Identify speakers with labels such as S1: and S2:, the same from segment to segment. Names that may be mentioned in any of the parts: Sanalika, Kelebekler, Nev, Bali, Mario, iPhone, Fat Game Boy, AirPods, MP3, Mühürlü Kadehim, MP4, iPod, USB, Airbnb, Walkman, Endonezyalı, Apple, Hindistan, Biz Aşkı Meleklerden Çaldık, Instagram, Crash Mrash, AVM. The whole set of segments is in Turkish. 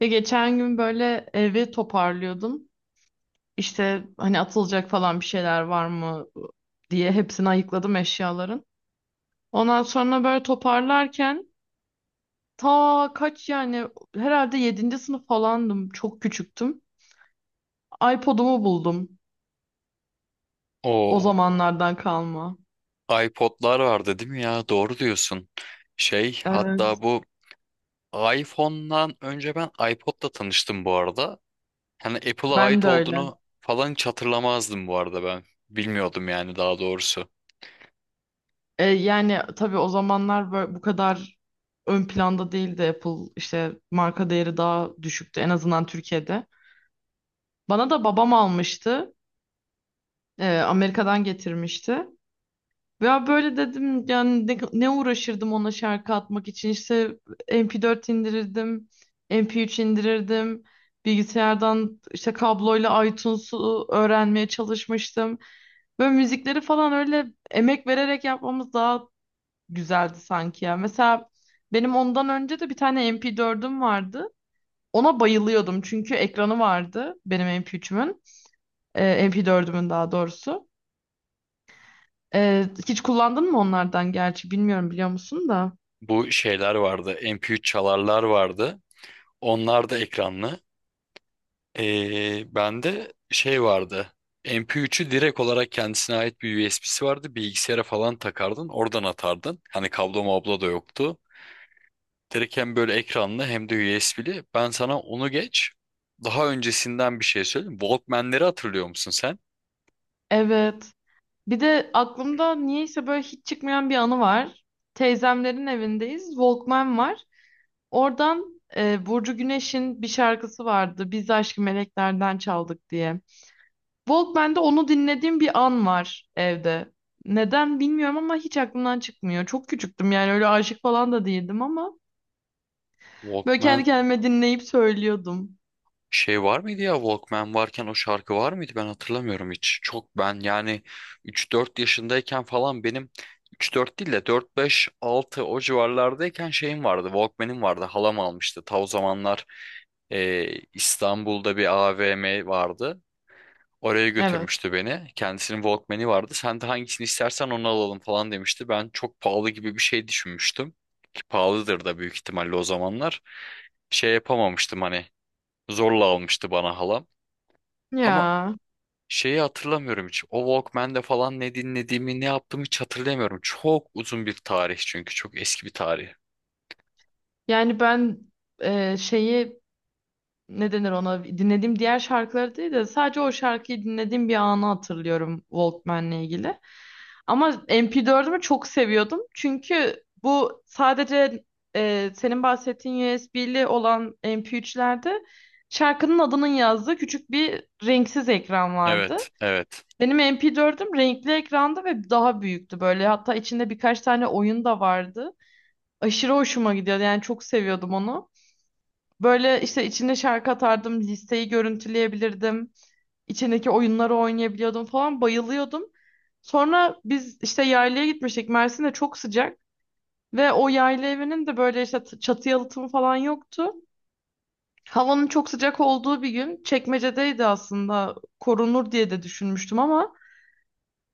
S1: Ya geçen gün böyle evi toparlıyordum. İşte hani atılacak falan bir şeyler var mı diye hepsini ayıkladım eşyaların. Ondan sonra böyle toparlarken ta kaç yani herhalde yedinci sınıf falandım. Çok küçüktüm. iPod'umu buldum. O
S2: O
S1: zamanlardan kalma.
S2: o iPod'lar vardı değil mi ya? Doğru diyorsun. Şey
S1: Evet.
S2: hatta bu iPhone'dan önce ben iPod'la tanıştım bu arada. Hani Apple'a
S1: Ben
S2: ait
S1: de öyle.
S2: olduğunu falan hiç hatırlamazdım bu arada ben. Bilmiyordum yani daha doğrusu.
S1: Yani tabii o zamanlar böyle bu kadar ön planda değildi Apple. İşte marka değeri daha düşüktü en azından Türkiye'de. Bana da babam almıştı. Amerika'dan getirmişti. Ya böyle dedim yani ne uğraşırdım ona şarkı atmak için işte MP4 indirirdim, MP3 indirirdim, bilgisayardan işte kabloyla iTunes'u öğrenmeye çalışmıştım. Böyle müzikleri falan öyle emek vererek yapmamız daha güzeldi sanki ya. Mesela benim ondan önce de bir tane MP4'üm vardı. Ona bayılıyordum çünkü ekranı vardı benim MP3'ümün, e, MP4'ümün daha doğrusu. Hiç kullandın mı onlardan gerçi bilmiyorum biliyor musun da.
S2: Bu şeyler vardı. MP3 çalarlar vardı. Onlar da ekranlı. Bende şey vardı. MP3'ü direkt olarak kendisine ait bir USB'si vardı. Bilgisayara falan takardın. Oradan atardın. Hani kablo mablo da yoktu. Direkt hem böyle ekranlı hem de USB'li. Ben sana onu geç. Daha öncesinden bir şey söyleyeyim. Walkman'leri hatırlıyor musun sen?
S1: Evet. Bir de aklımda niyeyse böyle hiç çıkmayan bir anı var. Teyzemlerin evindeyiz. Walkman var. Oradan Burcu Güneş'in bir şarkısı vardı. Biz Aşkı Meleklerden Çaldık diye. Walkman'de onu dinlediğim bir an var evde. Neden bilmiyorum ama hiç aklımdan çıkmıyor. Çok küçüktüm yani öyle aşık falan da değildim ama böyle kendi
S2: Walkman
S1: kendime dinleyip söylüyordum.
S2: şey var mıydı ya? Walkman varken o şarkı var mıydı? Ben hatırlamıyorum hiç. Çok ben yani üç dört yaşındayken falan benim üç dört değil de 4-5-6 o civarlardayken şeyim vardı. Walkman'im vardı. Halam almıştı. Ta o zamanlar e, İstanbul'da bir AVM vardı. Oraya
S1: Evet.
S2: götürmüştü beni. Kendisinin Walkman'i vardı. Sen de hangisini istersen onu alalım falan demişti. Ben çok pahalı gibi bir şey düşünmüştüm. Ki pahalıdır da büyük ihtimalle o zamanlar. Şey yapamamıştım hani zorla almıştı bana halam. Ama
S1: Ya.
S2: şeyi hatırlamıyorum hiç. O Walkman'de falan ne dinlediğimi ne yaptığımı hiç hatırlamıyorum. Çok uzun bir tarih çünkü çok eski bir tarih.
S1: Yani ben şeyi ne denir ona dinlediğim diğer şarkıları değil de sadece o şarkıyı dinlediğim bir anı hatırlıyorum Walkman'le ilgili. Ama MP4'ümü çok seviyordum. Çünkü bu sadece senin bahsettiğin USB'li olan MP3'lerde şarkının adının yazdığı küçük bir renksiz ekran vardı.
S2: Evet, evet.
S1: Benim MP4'üm renkli ekranda ve daha büyüktü böyle. Hatta içinde birkaç tane oyun da vardı. Aşırı hoşuma gidiyordu. Yani çok seviyordum onu. Böyle işte içinde şarkı atardım, listeyi görüntüleyebilirdim, içindeki oyunları oynayabiliyordum falan bayılıyordum. Sonra biz işte yaylaya gitmiştik. Mersin'de çok sıcak ve o yayla evinin de böyle işte çatı yalıtımı falan yoktu. Havanın çok sıcak olduğu bir gün Çekmece'deydi aslında. Korunur diye de düşünmüştüm ama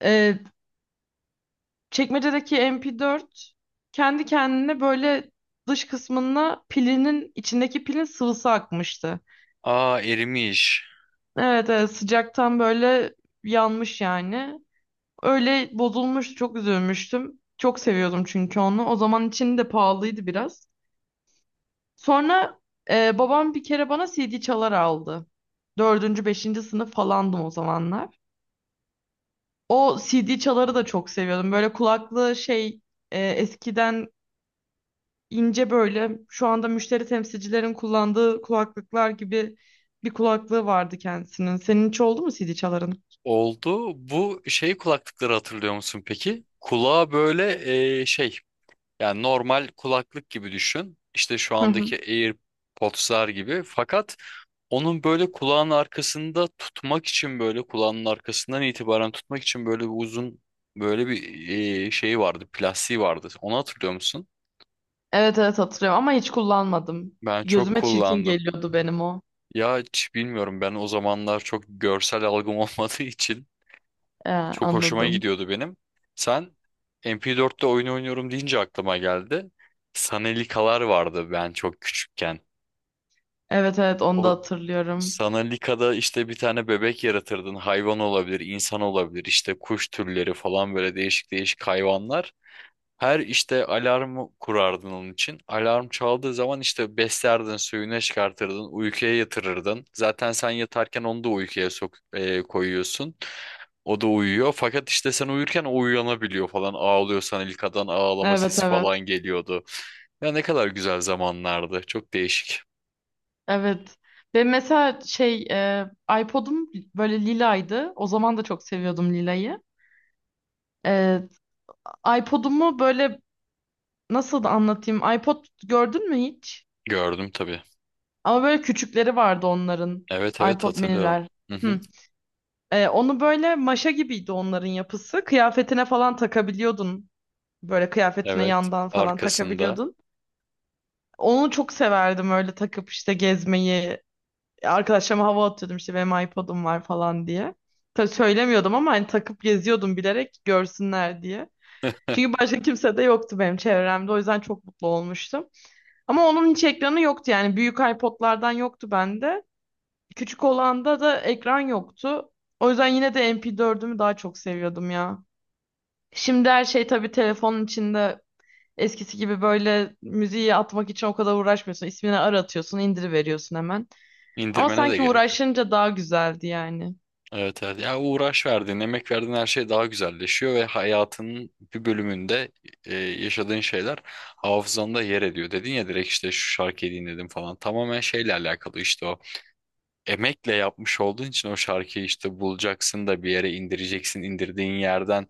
S1: e, Çekmece'deki MP4 kendi kendine böyle dış kısmına pilinin içindeki pilin sıvısı akmıştı.
S2: Aa erimiş.
S1: Evet evet sıcaktan böyle yanmış yani. Öyle bozulmuş çok üzülmüştüm. Çok seviyordum çünkü onu. O zaman için de pahalıydı biraz. Sonra babam bir kere bana CD çalar aldı. Dördüncü, beşinci sınıf falandım o zamanlar. O CD çaları da çok seviyordum. Böyle kulaklı şey eskiden ince böyle şu anda müşteri temsilcilerin kullandığı kulaklıklar gibi bir kulaklığı vardı kendisinin. Senin hiç oldu mu CD çaların?
S2: Oldu. Bu şey kulaklıkları hatırlıyor musun peki? Kulağa böyle şey yani normal kulaklık gibi düşün. İşte şu andaki AirPods'lar gibi. Fakat onun böyle kulağın arkasında tutmak için böyle kulağın arkasından itibaren tutmak için böyle bir uzun böyle bir şeyi vardı. Plastiği vardı. Onu hatırlıyor musun?
S1: Evet evet hatırlıyorum ama hiç kullanmadım.
S2: Ben çok
S1: Gözüme çirkin
S2: kullandım.
S1: geliyordu benim o.
S2: Ya hiç bilmiyorum ben o zamanlar çok görsel algım olmadığı için. Çok hoşuma
S1: Anladım.
S2: gidiyordu benim. Sen MP4'te oyun oynuyorum deyince aklıma geldi. Sanalikalar vardı ben çok küçükken.
S1: Evet evet onu da
S2: O
S1: hatırlıyorum.
S2: Sanalika'da işte bir tane bebek yaratırdın. Hayvan olabilir, insan olabilir, işte kuş türleri falan böyle değişik değişik hayvanlar. Her işte alarmı kurardın onun için. Alarm çaldığı zaman işte beslerdin, suyunu çıkartırdın, uykuya yatırırdın. Zaten sen yatarken onu da uykuya koyuyorsun. O da uyuyor. Fakat işte sen uyurken o uyanabiliyor falan. Ağlıyorsan ilkadan ağlama
S1: Evet
S2: sesi falan
S1: evet.
S2: geliyordu. Ya ne kadar güzel zamanlardı. Çok değişik.
S1: Evet. Ve mesela iPod'um böyle lilaydı. O zaman da çok seviyordum lilayı. Ee, iPod'umu böyle nasıl da anlatayım? iPod gördün mü hiç?
S2: Gördüm tabii.
S1: Ama böyle küçükleri vardı onların.
S2: Evet evet
S1: iPod
S2: hatırlıyorum.
S1: miniler.
S2: Hı hı.
S1: Hı. Onu böyle maşa gibiydi onların yapısı. Kıyafetine falan takabiliyordun. Böyle kıyafetine
S2: Evet.
S1: yandan falan
S2: Arkasında.
S1: takabiliyordun. Onu çok severdim öyle takıp işte gezmeyi. Arkadaşlarıma hava atıyordum işte benim iPod'um var falan diye. Tabii söylemiyordum ama hani takıp geziyordum bilerek görsünler diye. Çünkü başka kimse de yoktu benim çevremde. O yüzden çok mutlu olmuştum. Ama onun hiç ekranı yoktu yani. Büyük iPod'lardan yoktu bende. Küçük olanda da ekran yoktu. O yüzden yine de MP4'ümü daha çok seviyordum ya. Şimdi her şey tabii telefonun içinde. Eskisi gibi böyle müziği atmak için o kadar uğraşmıyorsun. İsmini aratıyorsun, indiriveriyorsun hemen. Ama
S2: indirmene de
S1: sanki
S2: gerek yok.
S1: uğraşınca daha güzeldi yani.
S2: Evet evet. Yani uğraş verdiğin, emek verdiğin her şey daha güzelleşiyor ve hayatının bir bölümünde yaşadığın şeyler hafızanda yer ediyor. Dedin ya direkt işte şu şarkıyı dinledim falan. Tamamen şeyle alakalı işte o. Emekle yapmış olduğun için o şarkıyı işte bulacaksın da bir yere indireceksin. İndirdiğin yerden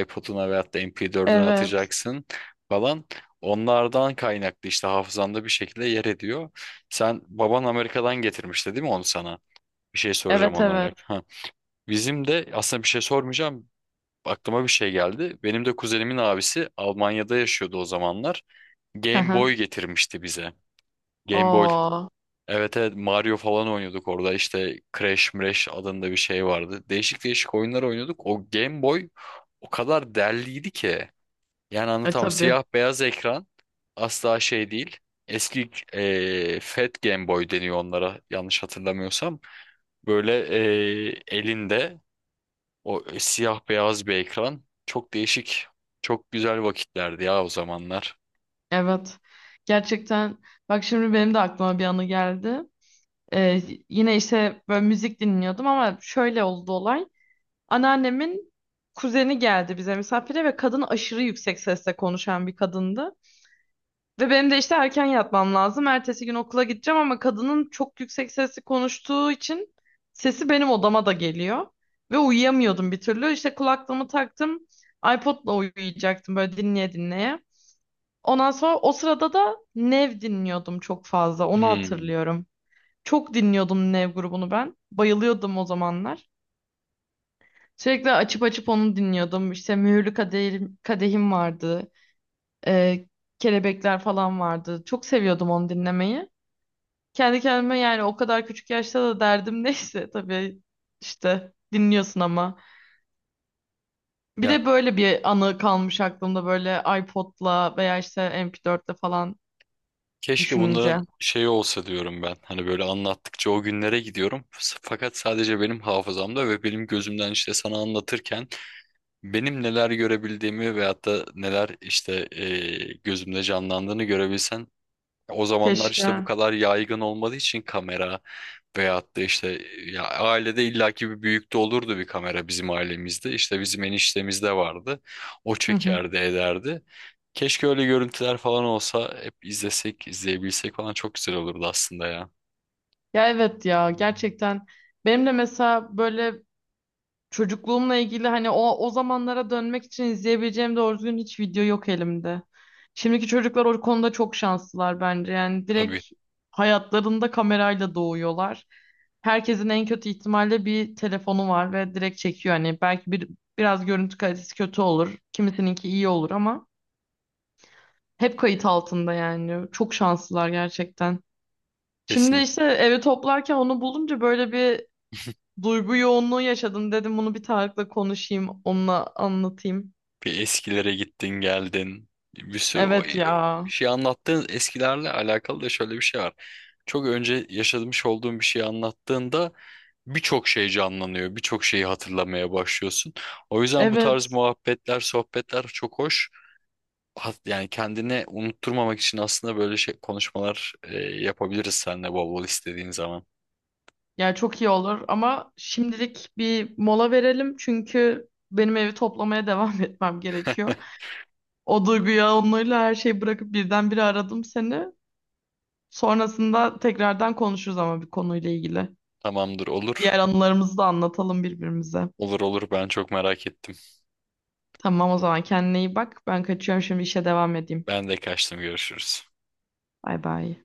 S2: iPod'una veyahut da MP4'üne
S1: Evet.
S2: atacaksın falan. Onlardan kaynaklı işte hafızanda bir şekilde yer ediyor. Sen baban Amerika'dan getirmişti değil mi onu sana? Bir şey soracağım
S1: Evet
S2: onlarla.
S1: evet.
S2: Bizim de aslında bir şey sormayacağım. Aklıma bir şey geldi. Benim de kuzenimin abisi Almanya'da yaşıyordu o zamanlar.
S1: Hı
S2: Game
S1: hı.
S2: Boy getirmişti bize. Game Boy.
S1: Oo.
S2: Evet evet Mario falan oynuyorduk orada. İşte Crash Mrash adında bir şey vardı. Değişik değişik oyunlar oynuyorduk. O Game Boy o kadar derliydi ki. Yani
S1: E
S2: anlatamam.
S1: tabii.
S2: Siyah beyaz ekran asla şey değil. Eski Fat Game Boy deniyor onlara yanlış hatırlamıyorsam. Böyle elinde o siyah beyaz bir ekran. Çok değişik. Çok güzel vakitlerdi ya o zamanlar.
S1: Evet. Gerçekten bak şimdi benim de aklıma bir anı geldi. Ee, Yine işte böyle müzik dinliyordum ama şöyle oldu olay. Anneannemin kuzeni geldi bize misafire ve kadın aşırı yüksek sesle konuşan bir kadındı. Ve benim de işte erken yatmam lazım. Ertesi gün okula gideceğim ama kadının çok yüksek sesli konuştuğu için sesi benim odama da geliyor. Ve uyuyamıyordum bir türlü. İşte kulaklığımı taktım. iPod'la uyuyacaktım böyle dinleye dinleye. Ondan sonra o sırada da Nev dinliyordum çok fazla. Onu
S2: Hmm.
S1: hatırlıyorum. Çok dinliyordum Nev grubunu ben. Bayılıyordum o zamanlar. Sürekli açıp açıp onu dinliyordum. İşte Mühürlü Kadehim, Kadehim vardı. Ee, Kelebekler falan vardı. Çok seviyordum onu dinlemeyi. Kendi kendime yani o kadar küçük yaşta da derdim neyse tabii işte dinliyorsun ama. Bir
S2: Ya
S1: de böyle bir anı kalmış aklımda böyle iPod'la veya işte MP4'le falan
S2: keşke
S1: düşününce.
S2: bunların şeyi olsa diyorum ben. Hani böyle anlattıkça o günlere gidiyorum. Fakat sadece benim hafızamda ve benim gözümden işte sana anlatırken benim neler görebildiğimi veyahut da neler işte gözümde canlandığını görebilsen. O zamanlar işte bu
S1: Keşke.
S2: kadar yaygın olmadığı için kamera veyahut da işte ya ailede illaki bir büyükte olurdu bir kamera bizim ailemizde. İşte bizim eniştemizde vardı. O
S1: Hı hı.
S2: çekerdi ederdi. Keşke öyle görüntüler falan olsa hep izlesek, izleyebilsek falan çok güzel olurdu aslında ya.
S1: Ya evet ya gerçekten benim de mesela böyle çocukluğumla ilgili hani o zamanlara dönmek için izleyebileceğim doğru düzgün hiç video yok elimde. Şimdiki çocuklar o konuda çok şanslılar bence. Yani direkt
S2: Tabii,
S1: hayatlarında kamerayla doğuyorlar. Herkesin en kötü ihtimalle bir telefonu var ve direkt çekiyor. Hani belki bir biraz görüntü kalitesi kötü olur. Kimisininki iyi olur ama hep kayıt altında yani. Çok şanslılar gerçekten. Şimdi
S2: kesinlikle
S1: işte evi toplarken onu bulunca böyle bir duygu yoğunluğu yaşadım dedim bunu bir Tarık'la konuşayım, onunla anlatayım.
S2: bir eskilere gittin geldin bir sürü
S1: Evet ya.
S2: bir şey anlattığın eskilerle alakalı da şöyle bir şey var. Çok önce yaşamış olduğun bir şeyi anlattığında birçok şey canlanıyor, birçok şeyi hatırlamaya başlıyorsun. O yüzden bu tarz
S1: Evet.
S2: muhabbetler, sohbetler çok hoş. Yani kendini unutturmamak için aslında böyle şey konuşmalar yapabiliriz seninle bol bol istediğin zaman.
S1: Yani çok iyi olur ama şimdilik bir mola verelim çünkü benim evi toplamaya devam etmem gerekiyor. O duygu yoğunluğuyla her şeyi bırakıp birdenbire aradım seni. Sonrasında tekrardan konuşuruz ama bir konuyla ilgili.
S2: Tamamdır, olur.
S1: Diğer anılarımızı da anlatalım birbirimize.
S2: Olur olur ben çok merak ettim.
S1: Tamam o zaman kendine iyi bak. Ben kaçıyorum şimdi işe devam edeyim.
S2: Ben de kaçtım, görüşürüz.
S1: Bay bay.